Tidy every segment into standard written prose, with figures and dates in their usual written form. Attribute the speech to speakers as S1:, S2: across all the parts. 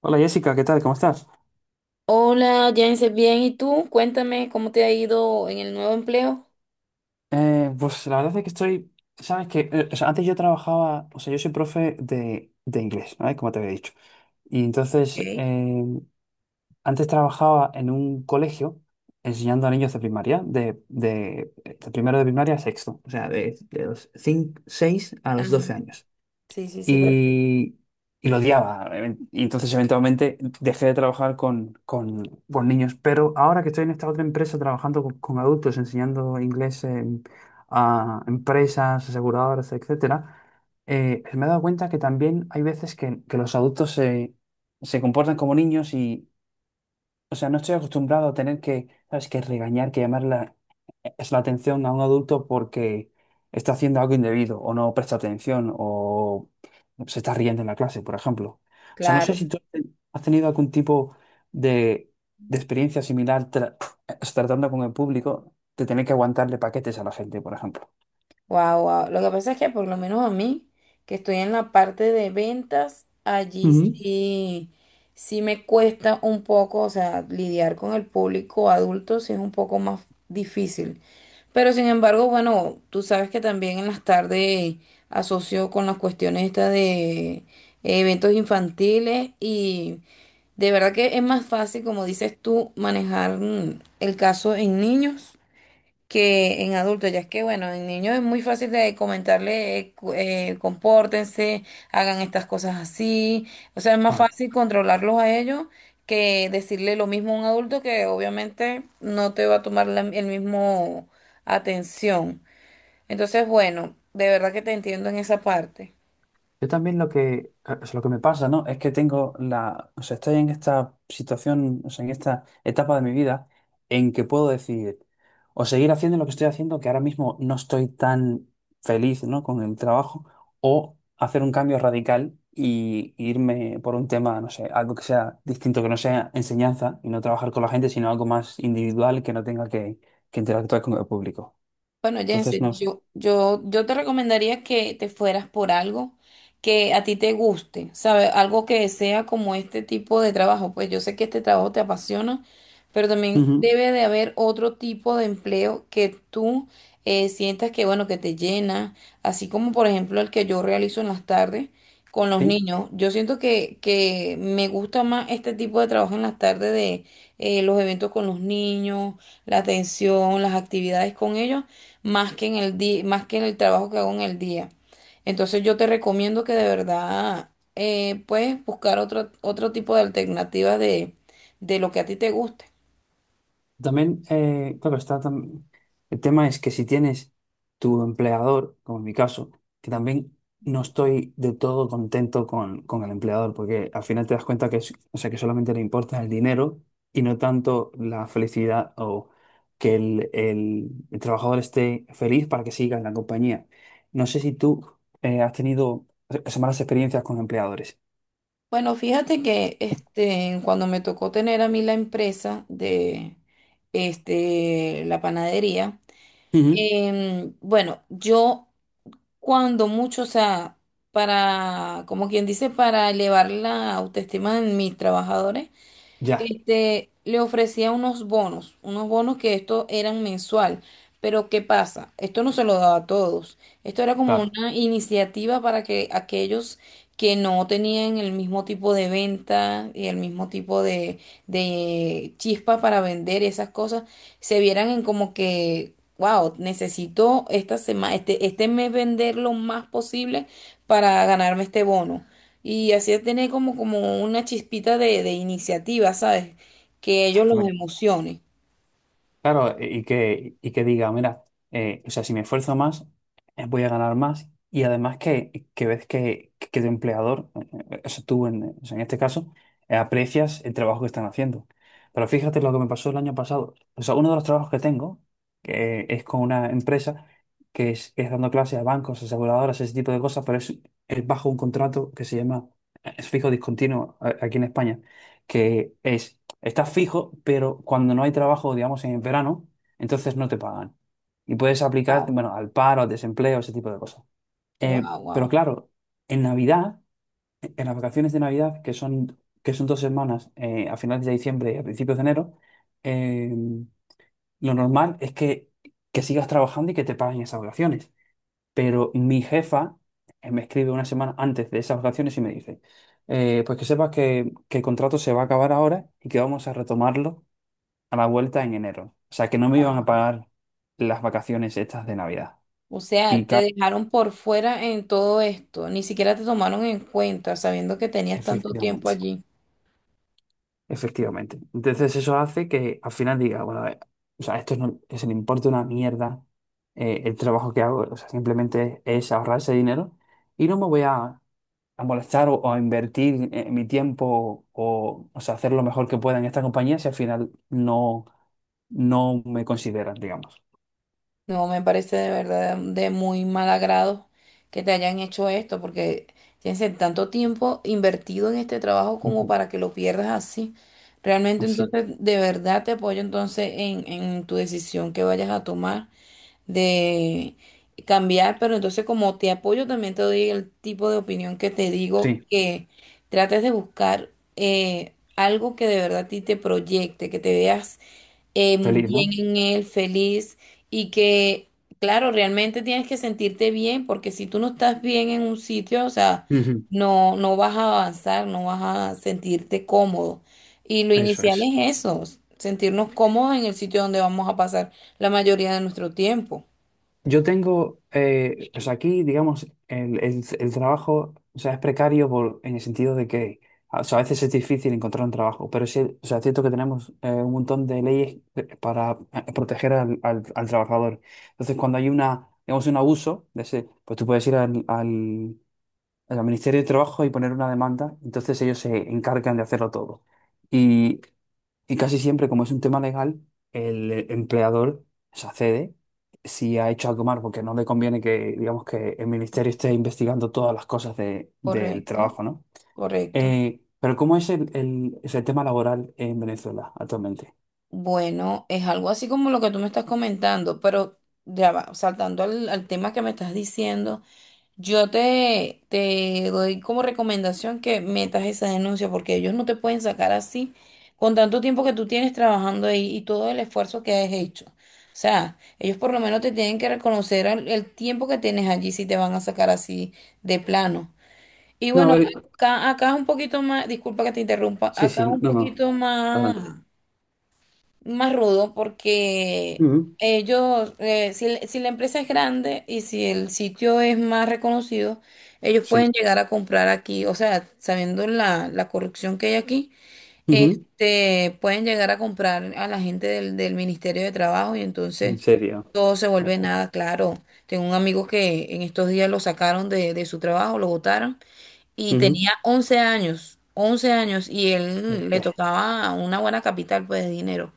S1: Hola Jessica, ¿qué tal? ¿Cómo estás?
S2: Hola, Jensen, bien, ¿y tú? Cuéntame cómo te ha ido en el nuevo empleo.
S1: Pues la verdad es que estoy, sabes que, o sea, antes yo trabajaba, o sea, yo soy profe de inglés, ¿vale? Como te había dicho. Y entonces, antes trabajaba en un colegio enseñando a niños de primaria, de primero de primaria a sexto, o sea, de los 5, 6 a los
S2: Ajá.
S1: 12 años.
S2: Sí, sí, sí, perfecto.
S1: y, y lo odiaba. Y entonces eventualmente dejé de trabajar con niños. Pero ahora que estoy en esta otra empresa trabajando con adultos, enseñando inglés a empresas, aseguradoras, etcétera, me he dado cuenta que también hay veces que los adultos se comportan como niños. O sea, no estoy acostumbrado a tener que, ¿sabes? Que regañar, es la atención a un adulto porque está haciendo algo indebido o no presta atención o se está riendo en la clase, por ejemplo. O sea, no sé
S2: Claro,
S1: si tú has tenido algún tipo de, de experiencia similar tratando con el público de tener que aguantarle paquetes a la gente, por ejemplo.
S2: wow, wow. Lo que pasa es que por lo menos a mí, que estoy en la parte de ventas, allí
S1: Ujú.
S2: sí, sí me cuesta un poco, o sea, lidiar con el público adulto sí es un poco más difícil. Pero sin embargo, bueno, tú sabes que también en las tardes asocio con las cuestiones estas de eventos infantiles. De verdad que es más fácil, como dices tú, manejar el caso en niños que en adultos. Ya es que, bueno, en niños es muy fácil de comentarle, compórtense, hagan estas cosas así. O sea, es más
S1: Vale.
S2: fácil controlarlos a ellos que decirle lo mismo a un adulto que obviamente no te va a tomar el mismo atención. Entonces, bueno, de verdad que te entiendo en esa parte.
S1: Yo también es lo que me pasa, ¿no? Es que o sea, estoy en esta situación, o sea, en esta etapa de mi vida en que puedo decidir o seguir haciendo lo que estoy haciendo, que ahora mismo no estoy tan feliz, ¿no? Con el trabajo, o hacer un cambio radical y irme por un tema, no sé, algo que sea distinto, que no sea enseñanza y no trabajar con la gente, sino algo más individual que no tenga que interactuar con el público.
S2: Bueno,
S1: Entonces,
S2: Jensen,
S1: no.
S2: yo te recomendaría que te fueras por algo que a ti te guste, ¿sabes? Algo que sea como este tipo de trabajo. Pues yo sé que este trabajo te apasiona, pero también
S1: Ujú.
S2: debe de haber otro tipo de empleo que tú sientas que, bueno, que te llena, así como por ejemplo el que yo realizo en las tardes con los
S1: ¿Sí?
S2: niños. Yo siento que me gusta más este tipo de trabajo en las tardes de los eventos con los niños, la atención, las actividades con ellos, más que en el día, más que en el trabajo que hago en el día. Entonces yo te recomiendo que de verdad puedes buscar otro tipo de alternativas de lo que a ti te guste.
S1: También, claro, el tema es que si tienes tu empleador, como en mi caso, que también no estoy de todo contento con el empleador, porque al final te das cuenta o sea, que solamente le importa el dinero y no tanto la felicidad o que el trabajador esté feliz para que siga en la compañía. No sé si tú has tenido esas malas experiencias con empleadores.
S2: Bueno, fíjate que este, cuando me tocó tener a mí la empresa de este, la panadería.
S1: Ujú.
S2: Bueno, yo cuando mucho, o sea, para, como quien dice, para elevar la autoestima de mis trabajadores,
S1: Ya,
S2: este, le ofrecía unos bonos que esto eran mensual. Pero ¿qué pasa? Esto no se lo daba a todos. Esto era como
S1: claro,
S2: una iniciativa para que aquellos que no tenían el mismo tipo de venta y el mismo tipo de Chispa para vender esas cosas, se vieran en como que, wow, necesito esta semana, este mes vender lo más posible para ganarme este bono. Y así tener como, como una chispita de iniciativa, ¿sabes? Que ellos los
S1: exactamente.
S2: emocione.
S1: Claro, y que diga, mira, o sea, si me esfuerzo más, voy a ganar más. Y además que ves que tu empleador, o sea, o sea, en este caso, aprecias el trabajo que están haciendo. Pero fíjate lo que me pasó el año pasado. O sea, uno de los trabajos que tengo que es con una empresa que es dando clases a bancos, aseguradoras, ese tipo de cosas, pero es bajo un contrato que se llama es fijo discontinuo aquí en España, que es: estás fijo, pero cuando no hay trabajo, digamos, en verano, entonces no te pagan. Y puedes aplicar,
S2: Wow,
S1: bueno, al paro, al desempleo, ese tipo de cosas.
S2: wow,
S1: Pero
S2: wow,
S1: claro, en Navidad, en las vacaciones de Navidad, que son 2 semanas, a finales de diciembre y a principios de enero, eh, lo normal es que sigas trabajando y que te paguen esas vacaciones. Pero mi jefa me escribe una semana antes de esas vacaciones y me dice, pues que sepas que el contrato se va a acabar ahora y que vamos a retomarlo a la vuelta en enero. O sea, que no me iban
S2: wow.
S1: a pagar las vacaciones estas de Navidad.
S2: O
S1: Y
S2: sea, te
S1: claro,
S2: dejaron por fuera en todo esto, ni siquiera te tomaron en cuenta, sabiendo que tenías tanto tiempo
S1: efectivamente,
S2: allí.
S1: efectivamente. Entonces eso hace que al final diga, bueno, a o sea, esto no, se le importa una mierda el trabajo que hago, o sea, simplemente es ahorrar ese dinero y no me voy a molestar o a invertir mi tiempo o sea, hacer lo mejor que pueda en esta compañía si al final no me consideran, digamos.
S2: No, me parece de verdad de muy mal agrado que te hayan hecho esto, porque tienes el tanto tiempo invertido en este trabajo como
S1: Ujú.
S2: para que lo pierdas así. Realmente
S1: Así es.
S2: entonces, de verdad te apoyo entonces en tu decisión que vayas a tomar de cambiar, pero entonces como te apoyo también te doy el tipo de opinión que te digo
S1: Sí,
S2: que trates de buscar algo que de verdad a ti te proyecte, que te veas
S1: feliz,
S2: bien
S1: ¿no?
S2: en él, feliz y que, claro, realmente tienes que sentirte bien porque si tú no estás bien en un sitio, o sea,
S1: Ujú.
S2: no vas a avanzar, no vas a sentirte cómodo. Y lo
S1: Eso
S2: inicial
S1: es.
S2: es eso, sentirnos cómodos en el sitio donde vamos a pasar la mayoría de nuestro tiempo.
S1: O sea, aquí, digamos, el trabajo, o sea, es precario en el sentido de que, a o sea, a veces es difícil encontrar un trabajo, pero sí, o sea, es cierto que tenemos un montón de leyes para proteger al trabajador. Entonces, cuando hay digamos, un abuso de ese, pues tú puedes ir al Ministerio de Trabajo y poner una demanda, entonces ellos se encargan de hacerlo todo. Y, y casi siempre, como es un tema legal, el empleador se accede si ha hecho algo mal, porque no le conviene digamos, que el ministerio esté investigando todas las cosas del
S2: Correcto,
S1: trabajo, ¿no?
S2: correcto.
S1: Pero ¿cómo es es el tema laboral en Venezuela actualmente?
S2: Bueno, es algo así como lo que tú me estás comentando, pero ya va, saltando al tema que me estás diciendo. Te doy como recomendación que metas esa denuncia porque ellos no te pueden sacar así con tanto tiempo que tú tienes trabajando ahí y todo el esfuerzo que has hecho. O sea, ellos por lo menos te tienen que reconocer el tiempo que tienes allí si te van a sacar así de plano. Y
S1: No,
S2: bueno,
S1: a ver,
S2: acá, acá es un poquito más, disculpa que te interrumpa,
S1: sí,
S2: acá
S1: sí,
S2: es un
S1: no, no,
S2: poquito más
S1: adelante.
S2: más rudo porque
S1: Ujú.
S2: ellos, si la empresa es grande y si el sitio es más reconocido, ellos pueden
S1: Sí.
S2: llegar a comprar aquí, o sea, sabiendo la corrupción que hay aquí,
S1: Ujú.
S2: este, pueden llegar a comprar a la gente del Ministerio de Trabajo y
S1: En
S2: entonces
S1: serio.
S2: todo se vuelve
S1: Ok.
S2: nada claro. Tengo un amigo que en estos días lo sacaron de su trabajo, lo botaron y
S1: Ujú.
S2: tenía 11 años. 11 años y él
S1: Ok.
S2: le tocaba una buena capital pues de dinero.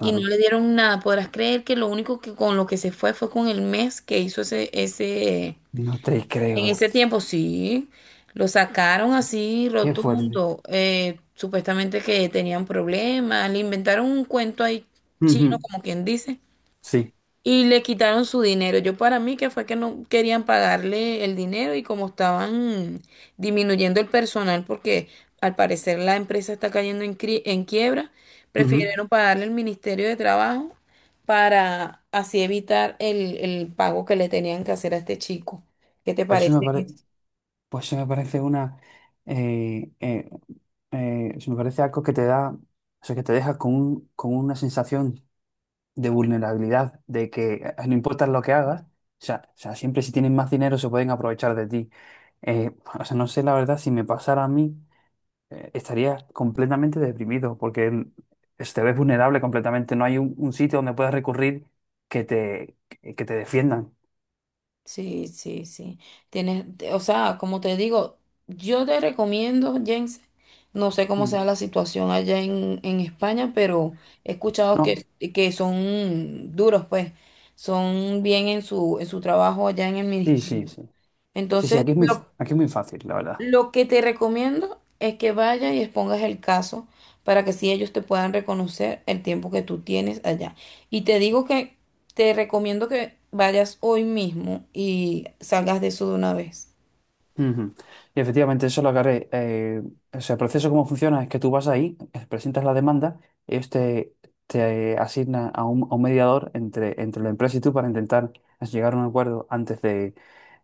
S2: Y no le dieron nada. Podrás creer que lo único que con lo que se fue fue con el mes que hizo ese,
S1: No te
S2: en
S1: creo,
S2: ese
S1: tío.
S2: tiempo, sí. Lo sacaron así
S1: Qué fuerte.
S2: rotundo. Supuestamente que tenían problemas. Le inventaron un cuento ahí chino,
S1: Ujú,
S2: como quien dice.
S1: sí.
S2: Y le quitaron su dinero. Yo para mí que fue que no querían pagarle el dinero y como estaban disminuyendo el personal porque al parecer la empresa está cayendo en, en quiebra,
S1: Ujú.
S2: prefirieron pagarle al Ministerio de Trabajo para así evitar el pago que le tenían que hacer a este chico. ¿Qué te
S1: Pero eso me
S2: parece?
S1: parece, pues eso me parece eh, eh, eso me parece algo que te da, o sea, que te deja con una sensación de vulnerabilidad, de que no importa lo que hagas, o sea, siempre si tienen más dinero se pueden aprovechar de ti. Eh, o sea, no sé la verdad si me pasara a mí, estarías completamente deprimido porque te ves vulnerable completamente. No hay un sitio donde puedas recurrir que te defiendan.
S2: Sí, sí, sí. Tienes, o sea, como te digo, yo te recomiendo, Jens, no sé cómo
S1: Mm.
S2: sea la situación allá en España, pero he escuchado
S1: No,
S2: que son duros, pues, son bien en su trabajo allá en el
S1: sí, sí,
S2: ministerio.
S1: sí. Sí, sí,
S2: Entonces,
S1: aquí es muy fácil, la verdad.
S2: lo que te recomiendo es que vayas y expongas el caso para que si ellos te puedan reconocer el tiempo que tú tienes allá. Y te digo que te recomiendo que vayas hoy mismo y salgas de eso de una vez.
S1: Ujú. Y efectivamente, eso lo agarré. O sea, el proceso cómo funciona es que tú vas ahí, presentas la demanda, ellos te asignan a un mediador entre la empresa y tú para intentar llegar a un acuerdo antes de,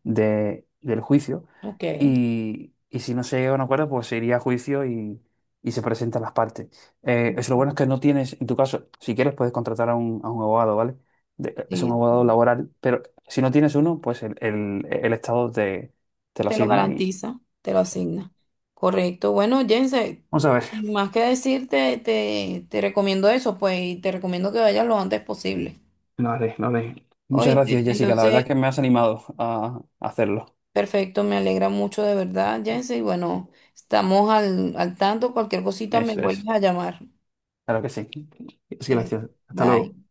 S1: de- del juicio.
S2: Ok.
S1: Y si no se llega a un acuerdo, pues se iría a juicio y se presentan las partes. Eso lo bueno es que no tienes, en tu caso, si quieres, puedes contratar a un abogado, ¿vale? Es un
S2: Sí,
S1: abogado laboral, pero si no tienes uno, pues el Estado te lo
S2: te lo
S1: asigna y...
S2: garantiza, te lo
S1: Sí.
S2: asigna. Correcto. Bueno, Jense,
S1: Vamos a ver,
S2: sin más que decirte, te recomiendo eso, pues, y te recomiendo que vayas lo antes posible.
S1: lo haré, lo haré. Muchas
S2: Oíste,
S1: gracias, Jessica. La verdad
S2: entonces
S1: que me has animado a hacerlo.
S2: perfecto, me alegra mucho de verdad, Jensen. Y bueno, estamos al tanto. Cualquier cosita me
S1: Eso
S2: vuelves
S1: es.
S2: a llamar.
S1: Claro que sí. Es que
S2: Ok.
S1: gracias. Hasta luego.
S2: Bye.